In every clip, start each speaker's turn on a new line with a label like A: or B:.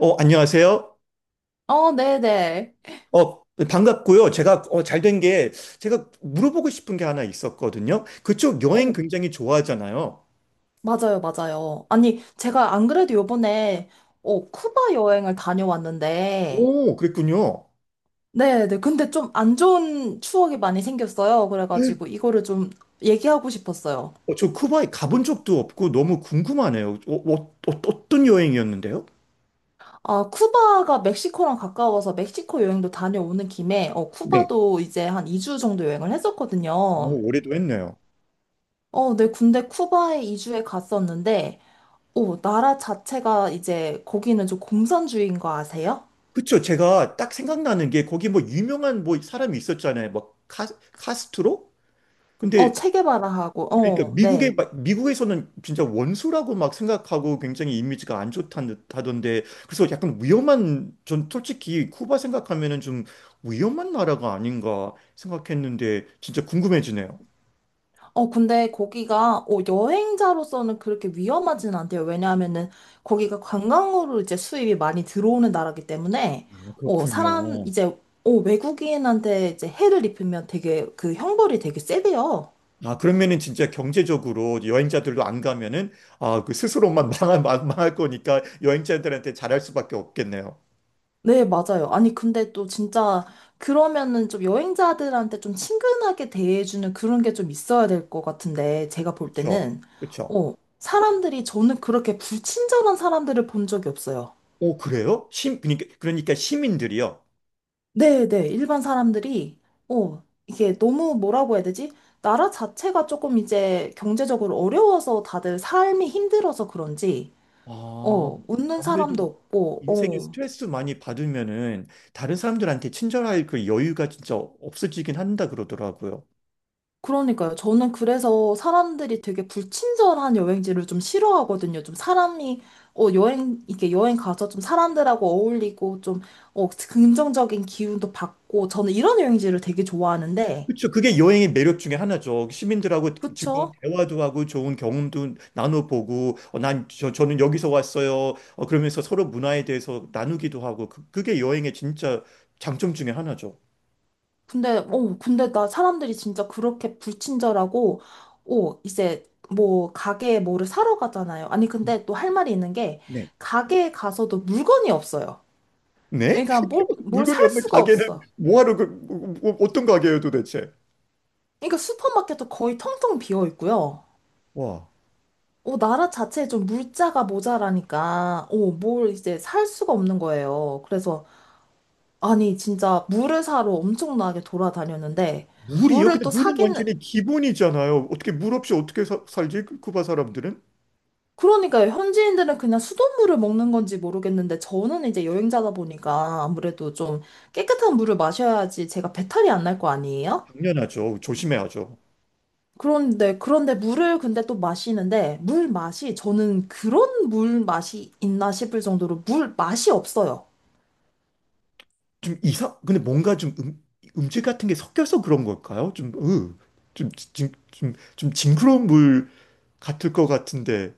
A: 안녕하세요.
B: 네네.
A: 반갑고요. 제가 잘 된 게 제가 물어보고 싶은 게 하나 있었거든요. 그쪽 여행
B: 어,
A: 굉장히 좋아하잖아요.
B: 맞아요, 맞아요. 아니, 제가 안 그래도 요번에, 쿠바 여행을 다녀왔는데,
A: 오, 그랬군요.
B: 네네. 근데 좀 안 좋은 추억이 많이 생겼어요. 그래가지고 이거를 좀 얘기하고 싶었어요.
A: 저 쿠바에 가본 적도 없고 너무 궁금하네요. 어, 어, 어, 떤 여행이었는데요?
B: 아, 쿠바가 멕시코랑 가까워서 멕시코 여행도 다녀오는 김에,
A: 네.
B: 쿠바도 이제 한 2주 정도 여행을 했었거든요.
A: 오, 올해도 했네요.
B: 어, 네. 근데 쿠바에 2주에 갔었는데, 오, 나라 자체가 이제 거기는 좀 공산주의인 거 아세요?
A: 그쵸. 제가 딱 생각나는 게 거기 뭐 유명한 뭐 사람이 있었잖아요. 뭐 카스트로? 근데
B: 체게바라하고,
A: 그러니까
B: 어, 네.
A: 미국에서는 진짜 원수라고 막 생각하고 굉장히 이미지가 안 좋다던데, 그래서 약간 위험한, 전 솔직히 쿠바 생각하면은 좀 위험한 나라가 아닌가 생각했는데 진짜 궁금해지네요.
B: 근데 거기가, 여행자로서는 그렇게 위험하진 않대요. 왜냐하면은, 거기가 관광으로 이제 수입이 많이 들어오는 나라기 때문에,
A: 아,
B: 사람,
A: 그렇군요.
B: 이제, 외국인한테 이제 해를 입히면 되게, 그 형벌이 되게 세대요.
A: 아, 그러면은 진짜 경제적으로 여행자들도 안 가면은, 아, 그 스스로만 망할, 망할 거니까 여행자들한테 잘할 수밖에 없겠네요.
B: 네, 맞아요. 아니, 근데 또 진짜 그러면은 좀 여행자들한테 좀 친근하게 대해주는 그런 게 좀 있어야 될 것 같은데, 제가 볼
A: 그쵸?
B: 때는,
A: 그쵸?
B: 사람들이 저는 그렇게 불친절한 사람들을 본 적이 없어요.
A: 오, 그래요? 그러니까 시민들이요.
B: 네, 네, 일반 사람들이, 이게 너무 뭐라고 해야 되지? 나라 자체가 조금 이제 경제적으로 어려워서 다들 삶이 힘들어서 그런지,
A: 아,
B: 웃는
A: 아무래도
B: 사람도 없고,
A: 인생에 스트레스 많이 받으면은 다른 사람들한테 친절할 그 여유가 진짜 없어지긴 한다 그러더라고요.
B: 그러니까요. 저는 그래서 사람들이 되게 불친절한 여행지를 좀 싫어하거든요. 좀 사람이, 여행, 이렇게 여행 가서 좀 사람들하고 어울리고 좀, 긍정적인 기운도 받고, 저는 이런 여행지를 되게 좋아하는데,
A: 그렇죠. 그게 여행의 매력 중에 하나죠. 시민들하고 즐거운
B: 그쵸?
A: 대화도 하고 좋은 경험도 나눠보고, 저는 여기서 왔어요. 그러면서 서로 문화에 대해서 나누기도 하고, 그게 여행의 진짜 장점 중에 하나죠.
B: 근데, 근데 나 사람들이 진짜 그렇게 불친절하고, 이제 뭐, 가게에 뭐를 사러 가잖아요. 아니, 근데 또 할 말이 있는 게,
A: 네.
B: 가게에 가서도 물건이 없어요.
A: 네?
B: 그러니까 뭘, 뭘
A: 물건이
B: 살
A: 없는
B: 수가
A: 가게는
B: 없어.
A: 뭐하러, 그, 뭐, 어떤 가게예요, 도대체?
B: 그러니까 슈퍼마켓도 거의 텅텅 비어 있고요.
A: 와.
B: 나라 자체에 좀 물자가 모자라니까, 뭘 이제 살 수가 없는 거예요. 그래서, 아니, 진짜 물을 사러 엄청나게 돌아다녔는데,
A: 물이요?
B: 물을
A: 근데
B: 또
A: 물은
B: 사기는,
A: 완전히 기본이잖아요. 어떻게 물 없이 어떻게 살지? 쿠바 사람들은?
B: 그러니까요. 현지인들은 그냥 수돗물을 먹는 건지 모르겠는데, 저는 이제 여행자다 보니까 아무래도 좀 깨끗한 물을 마셔야지 제가 배탈이 안 날 거 아니에요?
A: 당연하죠. 조심해야죠.
B: 그런데, 그런데 물을 근데 또 마시는데, 물 맛이, 저는 그런 물 맛이 있나 싶을 정도로 물 맛이 없어요.
A: 근데 뭔가 좀, 음질 같은 게 섞여서 그런 걸까요? 좀, 으, 좀, 좀, 좀, 좀 징그러운 물 같을 것 같은데.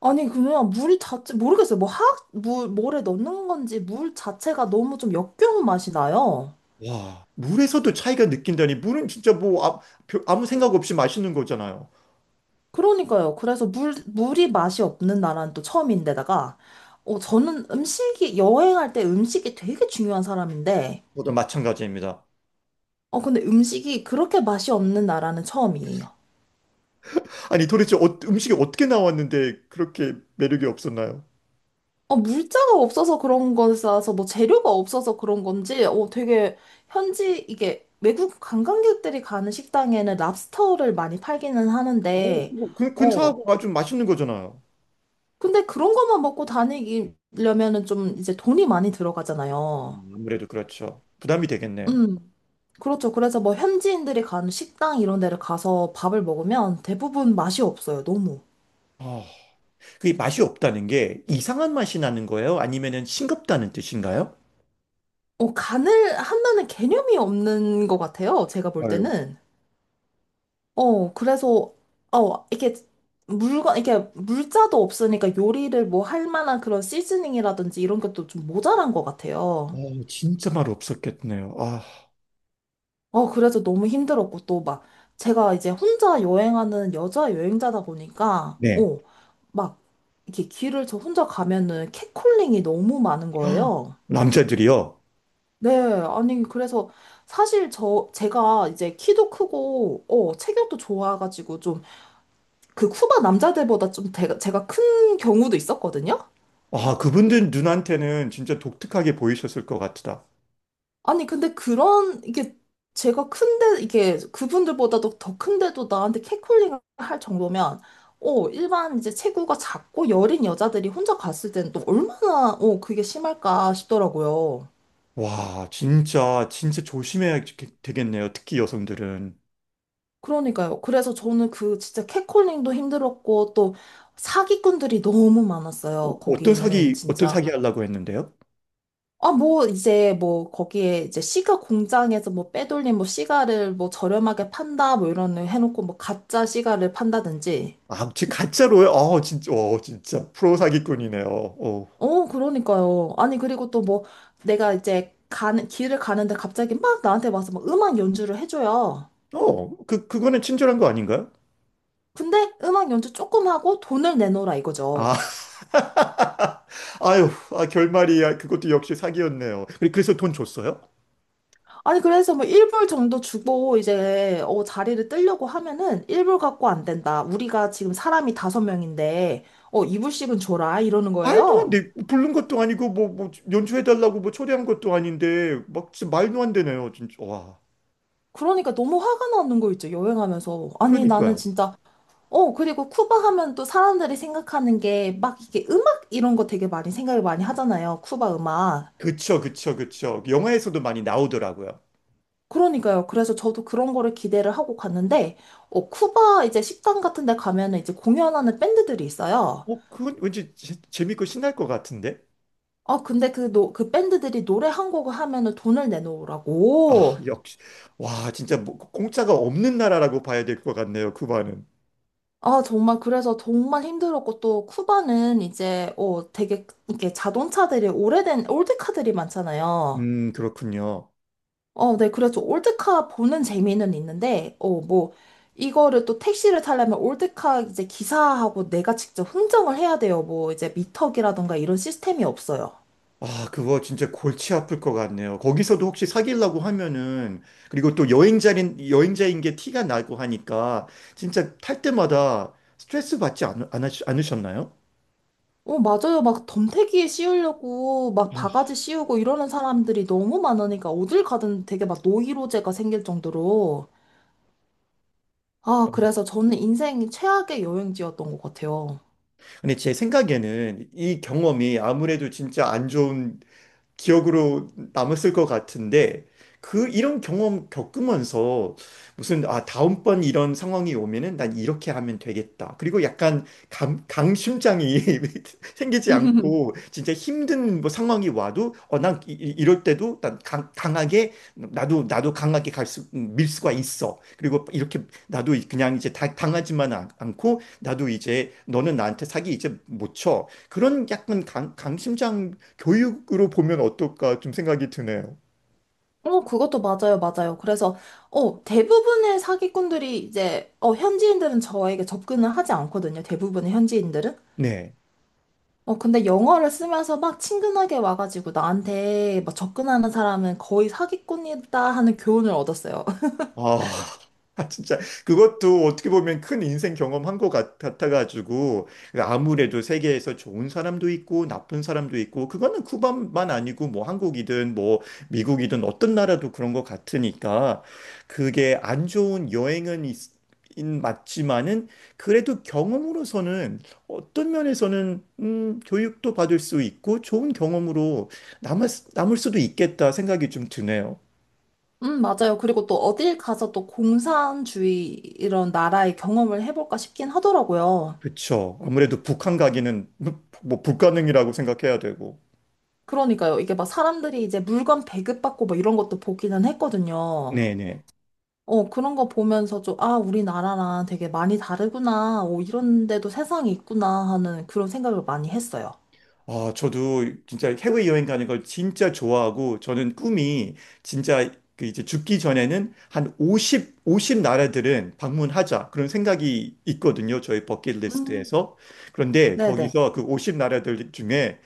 B: 아니, 그냥 물 자체, 모르겠어요. 뭐 화학, 물, 뭐래 넣는 건지 물 자체가 너무 좀 역겨운 맛이 나요.
A: 와, 물에서도 차이가 느낀다니. 물은 진짜 뭐, 아무 생각 없이 마시는 거잖아요.
B: 그러니까요. 그래서 물, 물이 맛이 없는 나라는 또 처음인데다가, 저는 음식이, 여행할 때 음식이 되게 중요한 사람인데,
A: 저도 마찬가지입니다.
B: 근데 음식이 그렇게 맛이 없는 나라는 처음이에요.
A: 아니, 도대체 음식이 어떻게 나왔는데 그렇게 매력이 없었나요?
B: 물자가 없어서 그런 거라서 뭐 재료가 없어서 그런 건지 되게 현지 이게 외국 관광객들이 가는 식당에는 랍스터를 많이 팔기는
A: 오,
B: 하는데
A: 그거
B: 어
A: 근사하고 아주 맛있는 거잖아요.
B: 근데 그런 것만 먹고 다니려면은 좀 이제 돈이 많이 들어가잖아요.
A: 아무래도 그렇죠. 부담이 되겠네요.
B: 음 그렇죠. 그래서 뭐 현지인들이 가는 식당 이런 데를 가서 밥을 먹으면 대부분 맛이 없어요. 너무.
A: 아, 그게 맛이 없다는 게 이상한 맛이 나는 거예요? 아니면은 싱겁다는 뜻인가요?
B: 간을 한다는 개념이 없는 것 같아요. 제가 볼
A: 헐.
B: 때는. 그래서, 이렇게 물건, 이렇게 물자도 없으니까 요리를 뭐 할 만한 그런 시즈닝이라든지 이런 것도 좀 모자란 것 같아요.
A: 진짜 말 없었겠네요. 아,
B: 그래서 너무 힘들었고, 또 막, 제가 이제 혼자 여행하는 여자 여행자다 보니까,
A: 네.
B: 막, 이렇게 길을 저 혼자 가면은 캣콜링이 너무 많은
A: 헉,
B: 거예요.
A: 남자들이요.
B: 네, 아니, 그래서 사실 저, 제가 이제 키도 크고, 체격도 좋아가지고 좀 그 쿠바 남자들보다 좀 제가, 제가 큰 경우도 있었거든요?
A: 아, 그분들 눈한테는 진짜 독특하게 보이셨을 것 같다.
B: 아니, 근데 그런, 이게, 제가 큰데, 이게, 그분들보다도 더 큰데도 나한테 캣콜링을 할 정도면, 일반 이제 체구가 작고 여린 여자들이 혼자 갔을 때는 또 얼마나, 그게 심할까 싶더라고요.
A: 와, 진짜, 진짜 조심해야 되겠네요. 특히 여성들은.
B: 그러니까요. 그래서 저는 그 진짜 캣콜링도 힘들었고, 또 사기꾼들이 너무 많았어요.
A: 어떤
B: 거기는
A: 사기,
B: 진짜.
A: 하려고 했는데요?
B: 아, 뭐, 이제, 뭐, 거기에, 이제, 시가 공장에서 뭐, 빼돌린, 뭐, 시가를 뭐, 저렴하게 판다, 뭐, 이런, 거 해놓고, 뭐, 가짜 시가를 판다든지.
A: 아, 지 가짜로요? 진짜, 진짜. 프로 사기꾼이네요. 어.
B: 그러니까요. 아니, 그리고 또 뭐, 내가 이제, 가는, 길을 가는데 갑자기 막 나한테 와서 막 음악 연주를 해줘요.
A: 그거는 친절한 거 아닌가요?
B: 근데 음악 연주 조금 하고 돈을 내놓으라
A: 아,
B: 이거죠.
A: 아유, 결말이, 그것도 역시 사기였네요. 그래서 돈 줬어요?
B: 아니, 그래서 뭐, 1불 정도 주고, 이제, 자리를 뜨려고 하면은, 1불 갖고 안 된다. 우리가 지금 사람이 다섯 명인데, 2불씩은 줘라. 이러는
A: 말도 안
B: 거예요.
A: 돼. 부른 것도 아니고, 뭐, 연주해달라고 뭐 초대한 것도 아닌데, 막, 진짜 말도 안 되네요, 진짜. 와.
B: 그러니까 너무 화가 나는 거 있죠, 여행하면서. 아니, 나는
A: 그러니까요.
B: 진짜, 그리고 쿠바 하면 또 사람들이 생각하는 게 막 이게 음악 이런 거 되게 많이 생각을 많이 하잖아요, 쿠바 음악.
A: 그쵸, 그쵸, 그쵸. 영화에서도 많이 나오더라고요.
B: 그러니까요. 그래서 저도 그런 거를 기대를 하고 갔는데, 쿠바 이제 식당 같은 데 가면은 이제 공연하는 밴드들이 있어요.
A: 그건 왠지 재밌고 신날 것 같은데?
B: 아, 근데 그, 노, 그 밴드들이 노래 한 곡을 하면은 돈을
A: 아,
B: 내놓으라고.
A: 역시. 와, 진짜 뭐, 공짜가 없는 나라라고 봐야 될 것 같네요, 쿠바는.
B: 아, 정말, 그래서 정말 힘들었고, 또, 쿠바는 이제, 되게, 이렇게 자동차들이 오래된 올드카들이 많잖아요.
A: 그렇군요.
B: 어, 네, 그래서 올드카 보는 재미는 있는데, 뭐, 이거를 또 택시를 타려면 올드카 이제 기사하고 내가 직접 흥정을 해야 돼요. 뭐, 이제 미터기라던가 이런 시스템이 없어요.
A: 아, 그거 진짜 골치 아플 것 같네요. 거기서도 혹시 사귀려고 하면은, 그리고 또 여행자인 게 티가 나고 하니까, 진짜 탈 때마다 스트레스 받지 않으셨나요?
B: 맞아요. 막 덤태기에 씌우려고, 막
A: 아유,
B: 바가지 씌우고 이러는 사람들이 너무 많으니까, 어딜 가든 되게 막 노이로제가 생길 정도로. 아, 그래서 저는 인생 최악의 여행지였던 것 같아요.
A: 근데 제 생각에는 이 경험이 아무래도 진짜 안 좋은 기억으로 남았을 것 같은데, 그 이런 경험 겪으면서 무슨, 다음번 이런 상황이 오면은 난 이렇게 하면 되겠다. 그리고 약간 강심장이 생기지 않고, 진짜 힘든 뭐 상황이 와도, 난 이럴 때도 난 강하게, 나도 나도 강하게 갈수 밀 수가 있어. 그리고 이렇게 나도 그냥 이제 당하지만 않고, 나도 이제 너는 나한테 사기 이제 못 쳐. 그런 약간 강심장 교육으로 보면 어떨까, 좀 생각이 드네요.
B: 그것도 맞아요, 맞아요. 그래서, 대부분의 사기꾼들이 이제, 현지인들은 저에게 접근을 하지 않거든요. 대부분의 현지인들은.
A: 네.
B: 근데 영어를 쓰면서 막 친근하게 와가지고 나한테 막 접근하는 사람은 거의 사기꾼이다 하는 교훈을 얻었어요.
A: 아, 진짜 그것도 어떻게 보면 큰 인생 경험한 것 같아가지고, 그러니까 아무래도 세계에서 좋은 사람도 있고 나쁜 사람도 있고, 그거는 쿠바만 아니고 뭐 한국이든 뭐 미국이든 어떤 나라도 그런 것 같으니까, 그게 안 좋은 여행은 있, 맞지만은 그래도 경험으로서는 어떤 면에서는, 교육도 받을 수 있고 좋은 경험으로 남을 수도 있겠다 생각이 좀 드네요.
B: 맞아요. 그리고 또 어딜 가서 또 공산주의 이런 나라의 경험을 해볼까 싶긴 하더라고요.
A: 그쵸. 아무래도 북한 가기는 뭐 불가능이라고 생각해야 되고.
B: 그러니까요. 이게 막 사람들이 이제 물건 배급받고 막 이런 것도 보기는 했거든요.
A: 네네.
B: 그런 거 보면서 좀, 아, 우리나라랑 되게 많이 다르구나. 오, 이런 데도 세상이 있구나 하는 그런 생각을 많이 했어요.
A: 아, 저도 진짜 해외 여행 가는 걸 진짜 좋아하고, 저는 꿈이 진짜 그 이제 죽기 전에는 한 50, 50 나라들은 방문하자, 그런 생각이 있거든요. 저희
B: 음.
A: 버킷리스트에서. 그런데
B: 네네.
A: 거기서 그 50 나라들 중에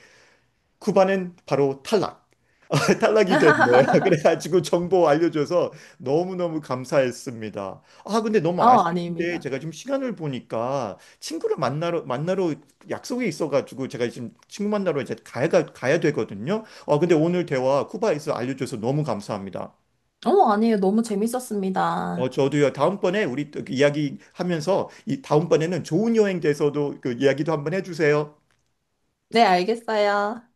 A: 쿠바는 바로 탈락. 탈락이 됐네요. 그래가지고 정보 알려줘서 너무너무 감사했습니다. 아, 근데 너무 아쉬운데
B: 아닙니다.
A: 제가 지금 시간을 보니까 친구를 만나러 약속이 있어가지고, 제가 지금 친구 만나러 이제 가야 되거든요. 근데 오늘 대화 쿠바에서 알려줘서 너무 감사합니다.
B: 아니에요. 너무 재밌었습니다.
A: 저도요, 다음번에 우리 또 그 이야기 하면서, 이 다음번에는 좋은 여행 돼서도 그 이야기도 한번 해주세요.
B: 네, 알겠어요.